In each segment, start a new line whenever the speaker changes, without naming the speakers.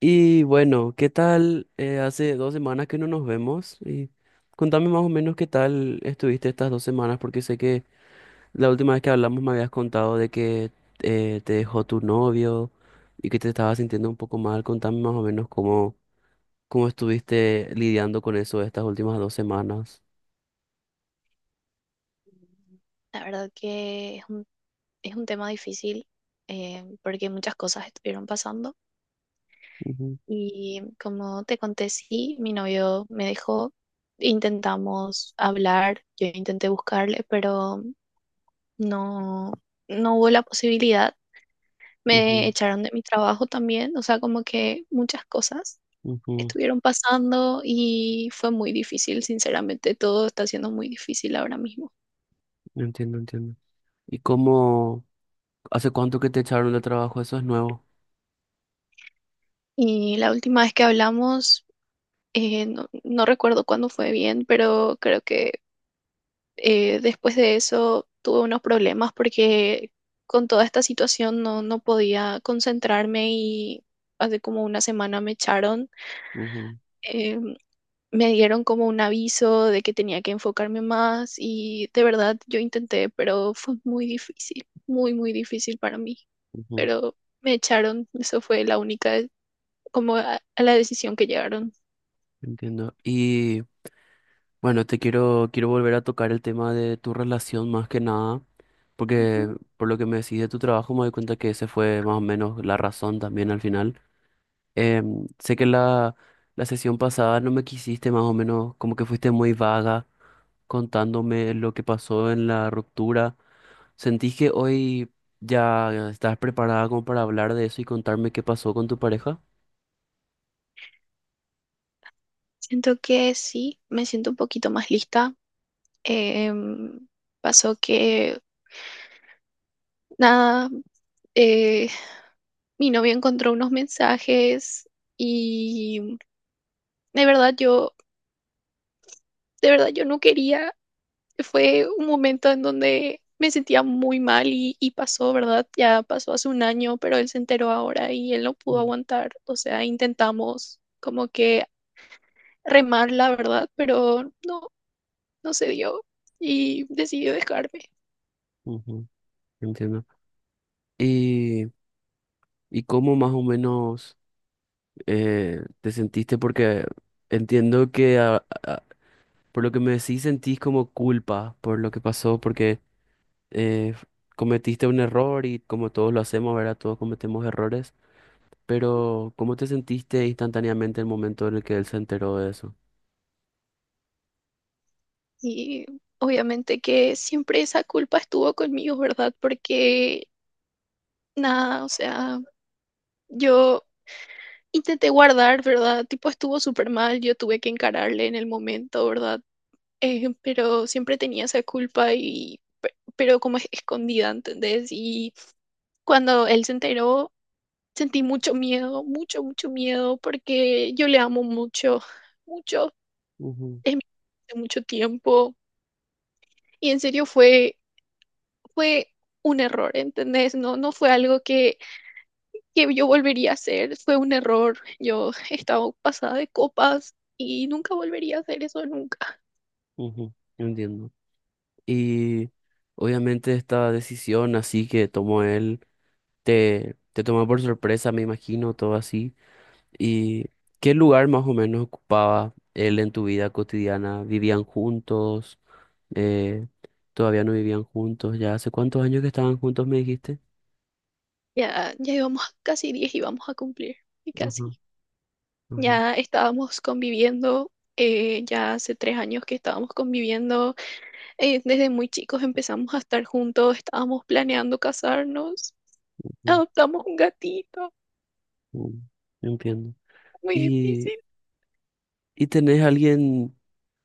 Y bueno, ¿qué tal? Hace 2 semanas que no nos vemos y contame más o menos qué tal estuviste estas 2 semanas, porque sé que la última vez que hablamos me habías contado de que te dejó tu novio y que te estabas sintiendo un poco mal. Contame más o menos cómo estuviste lidiando con eso estas últimas 2 semanas.
La verdad que es un tema difícil, porque muchas cosas estuvieron pasando
Ujú,
y como te conté, sí, mi novio me dejó. Intentamos hablar, yo intenté buscarle, pero no, no hubo la posibilidad. Me
ujú,
echaron de mi trabajo también, o sea, como que muchas cosas
ujú.
estuvieron pasando y fue muy difícil, sinceramente. Todo está siendo muy difícil ahora mismo.
Entiendo, entiendo. ¿Y cómo, ¿Hace cuánto que te echaron de trabajo? Eso es nuevo.
Y la última vez que hablamos... No, no recuerdo cuándo fue bien, pero creo que después de eso tuve unos problemas porque con toda esta situación no, no podía concentrarme y hace como una semana me echaron.
Ujú,
Eh, me dieron como un aviso de que tenía que enfocarme más y de verdad yo intenté, pero fue muy difícil, muy, muy difícil para mí.
ujú.
Pero me echaron, eso fue la única, como a la decisión que llegaron.
Entiendo. Bueno, quiero volver a tocar el tema de tu relación más que nada, porque
Ujú.
por lo que me decís de tu trabajo me doy cuenta que ese fue más o menos la razón también al final. Sé que la sesión pasada no me quisiste más o menos, como que fuiste muy vaga contándome lo que pasó en la ruptura. ¿Sentís que hoy ya estás preparada como para hablar de eso y contarme qué pasó con tu pareja?
Siento que sí, me siento un poquito más lista. Em, Pasó que, nada, eh, mi novio encontró unos mensajes y de verdad yo, de verdad yo no quería. Fue un momento en donde me sentía muy mal y pasó, ¿verdad? Ya pasó hace un año, pero él se enteró ahora y él no pudo
Mm,
aguantar. O sea, intentamos como que remar la verdad, pero no, no se dio y decidió dejarme.
ujú. Entiendo. Y, y cómo más o menos... te sentiste porque entiendo que por lo que me decís sentís como culpa por lo que pasó, porque eh, cometiste un error y como todos lo hacemos, ¿verdad? Todos cometemos errores, pero ¿cómo te sentiste instantáneamente el momento en el que él se enteró de eso?
Y obviamente que siempre esa culpa estuvo conmigo, ¿verdad? Porque nada, o sea, yo intenté guardar, ¿verdad? Tipo, estuvo súper mal, yo tuve que encararle en el momento, ¿verdad? Pero siempre tenía esa culpa y, pero como escondida, ¿entendés? Y cuando él se enteró, sentí mucho miedo, mucho, mucho miedo, porque yo le amo mucho, mucho,
Ujú,
es mi hace mucho tiempo. Y en serio fue un error, ¿entendés? No, no fue algo que yo volvería a hacer, fue un error. Yo estaba pasada de copas y nunca volvería a hacer eso nunca.
ujú. Entiendo. Y obviamente esta decisión así que tomó él, te tomó por sorpresa, me imagino, todo así. ¿Y qué lugar más o menos ocupaba él en tu vida cotidiana? ¿Vivían juntos? Eh, ¿Todavía no vivían juntos? ¿Ya hace cuántos años que estaban juntos, me dijiste?
Ya, ya íbamos a casi 10 y vamos a cumplir, y casi.
Ajá, ajá,
Ya estábamos conviviendo, ya hace 3 años que estábamos conviviendo. Desde muy chicos empezamos a estar juntos, estábamos planeando casarnos,
ujú,
adoptamos un gatito,
mm. Entiendo.
muy
¿Y,
difícil.
¿y tenés alguien,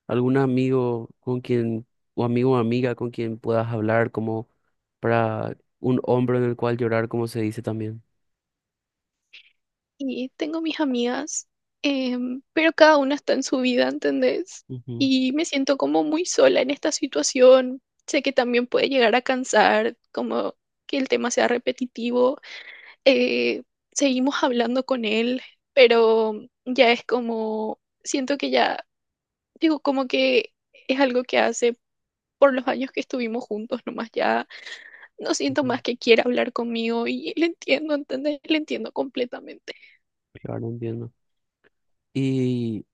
algún amigo con quien, o amigo o amiga con quien puedas hablar como para un hombro en el cual llorar, como se dice también?
Y tengo mis amigas, pero cada una está en su vida, ¿entendés?
Ujú,
Y me siento como muy sola en esta situación. Sé que también puede llegar a cansar, como que el tema sea repetitivo. Eh, Seguimos hablando con él, pero ya es como, siento que ya, digo, como que es algo que hace por los años que estuvimos juntos, nomás ya no siento
ujú.
más que quiera hablar conmigo y le entiendo, ¿entendés? Le entiendo completamente.
Claro, entiendo. Y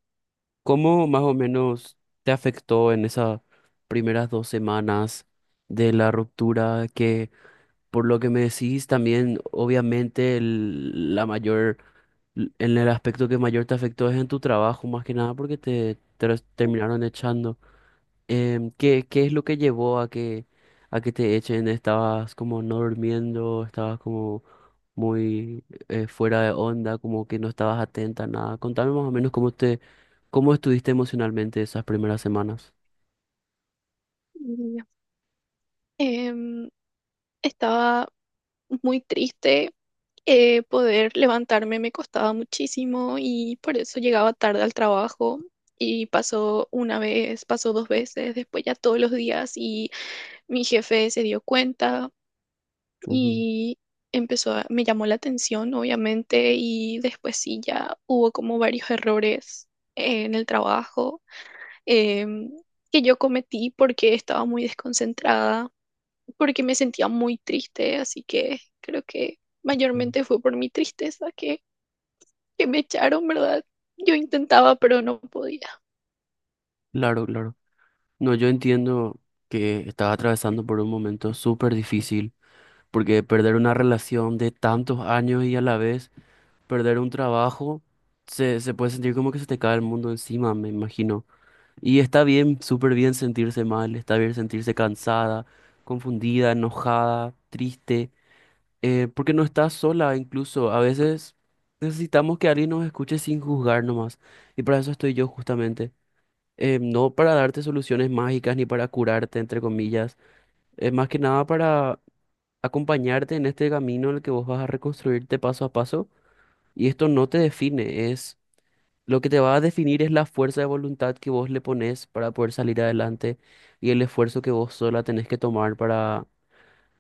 ¿cómo más o menos te afectó en esas primeras 2 semanas de la ruptura? Que por lo que me decís, también obviamente la mayor, en el aspecto que mayor te afectó es en tu trabajo, más que nada porque terminaron echando. ¿ Qué es lo que llevó a a que te echen? ¿Estabas como no durmiendo? ¿Estabas como muy fuera de onda, como que no estabas atenta a nada? Contame más o menos cómo estuviste emocionalmente esas primeras semanas.
Y, em, Estaba muy triste. Poder levantarme me costaba muchísimo y por eso llegaba tarde al trabajo. Y pasó una vez, pasó dos veces, después ya todos los días y mi jefe se dio cuenta
Ujú,
y empezó me llamó la atención, obviamente, y después sí ya hubo como varios errores en el trabajo, em, que yo cometí porque estaba muy desconcentrada porque me sentía muy triste, así que creo que
ujú.
mayormente fue por mi tristeza que me echaron, ¿verdad? Yo intentaba, pero no podía.
Claro, claro. No, yo entiendo que estaba atravesando por un momento súper difícil, porque perder una relación de tantos años y a la vez perder un trabajo, se puede sentir como que se te cae el mundo encima, me imagino. Y está bien, súper bien sentirse mal, está bien sentirse cansada, confundida, enojada, triste, porque no estás sola, incluso a veces necesitamos que alguien nos escuche sin juzgar nomás. Y para eso estoy yo justamente. No para darte soluciones mágicas ni para curarte, entre comillas. Es más que nada para acompañarte en este camino en el que vos vas a reconstruirte paso a paso. Y esto no te define, es lo que te va a definir es la fuerza de voluntad que vos le pones para poder salir adelante y el esfuerzo que vos sola tenés que tomar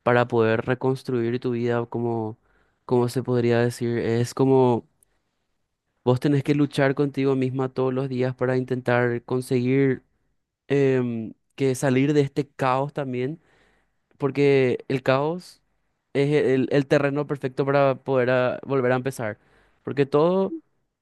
para poder reconstruir tu vida, como se podría decir. Es como vos tenés que luchar contigo misma todos los días para intentar conseguir, que salir de este caos también, porque el caos es el terreno perfecto para poder, ah, volver a empezar. Porque todo,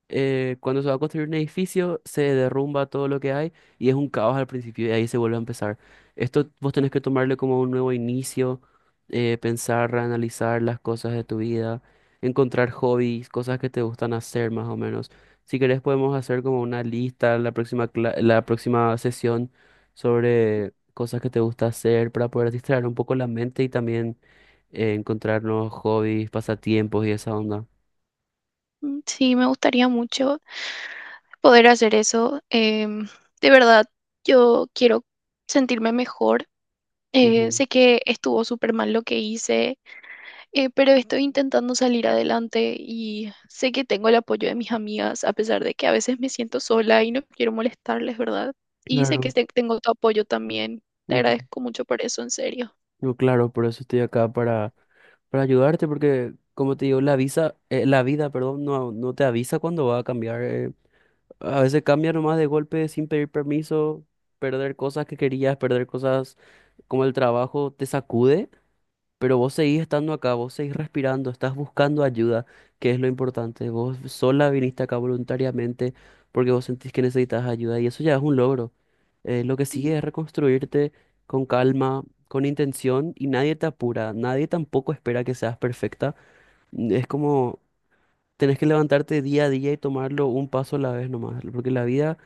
cuando se va a construir un edificio, se derrumba todo lo que hay y es un caos al principio y ahí se vuelve a empezar. Esto vos tenés que tomarle como un nuevo inicio, pensar, analizar las cosas de tu vida, encontrar hobbies, cosas que te gustan hacer más o menos. Si querés podemos hacer como una lista la próxima, la próxima sesión sobre cosas que te gusta hacer para poder distraer un poco la mente y también, encontrar nuevos hobbies, pasatiempos y esa onda.
Sí, me gustaría mucho poder hacer eso. De verdad, yo quiero sentirme mejor. Eh,
Ujú,
sé que estuvo súper mal lo que hice. Pero estoy intentando salir adelante y sé que tengo el apoyo de mis amigas, a pesar de que a veces me siento sola y no quiero molestarles, ¿verdad? Y sé que
claro,
tengo tu apoyo también. Te
ujú.
agradezco mucho por eso, en serio.
No, claro, por eso estoy acá para ayudarte, porque como te digo, la vida, perdón, no, no te avisa cuando va a cambiar. A veces cambia nomás de golpe sin pedir permiso, perder cosas que querías, perder cosas como el trabajo te sacude. Pero vos seguís estando acá, vos seguís respirando, estás buscando ayuda, que es lo importante. Vos sola viniste acá voluntariamente porque vos sentís que necesitas ayuda y eso ya es un logro. Lo que sigue es reconstruirte con calma, con intención y nadie te apura, nadie tampoco espera que seas perfecta. Mm. Es como tenés que levantarte día a día y tomarlo un paso a la vez nomás, porque la vida,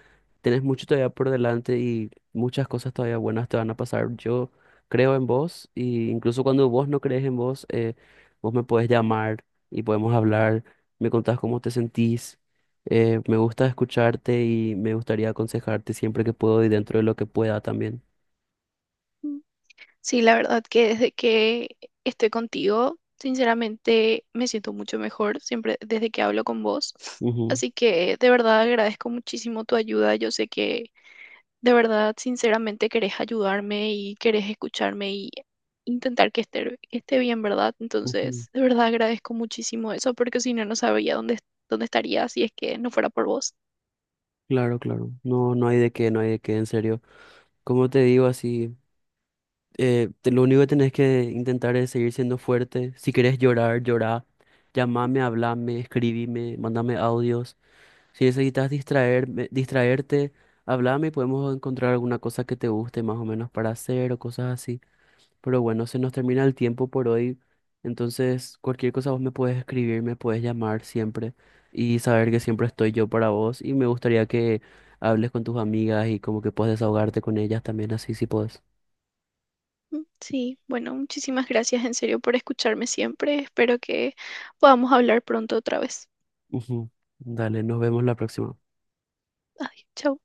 tenés mucho todavía por delante y muchas cosas todavía buenas te van a pasar. Yo creo en vos y incluso cuando vos no crees en vos, vos me podés llamar y podemos hablar, me contás cómo te sentís. Me gusta escucharte y me gustaría aconsejarte siempre que puedo y dentro de lo que pueda también.
Ujú. Sí, la verdad que desde que estoy contigo, sinceramente me siento mucho mejor siempre desde que hablo con vos.
Ujú,
Así que de verdad agradezco muchísimo tu ayuda. Yo sé que. De verdad, sinceramente querés ayudarme y querés escucharme y intentar que esté bien, ¿verdad?
ujú.
Entonces, de verdad agradezco muchísimo eso porque si no, no sabría dónde estaría si es que no fuera por vos.
Claro, claro. No, no hay de qué, no hay de qué, en serio. Como te digo, así, lo único que tenés que intentar es seguir siendo fuerte. Si querés llorar, llorá. Llamame, hablame, escribime, mándame audios. Si necesitas distraerte, hablame y podemos encontrar alguna cosa que te guste más o menos para hacer o cosas así. Pero bueno, se nos termina el tiempo por hoy. Entonces, cualquier cosa vos me puedes escribir, me puedes llamar siempre y saber que siempre estoy yo para vos. Y me gustaría que hables con tus amigas y como que puedes desahogarte con ellas también así si puedes.
Sí, bueno, muchísimas gracias en serio por escucharme siempre. Espero que podamos hablar pronto otra vez.
Ujú. Dale, nos vemos la próxima.
Adiós, chao.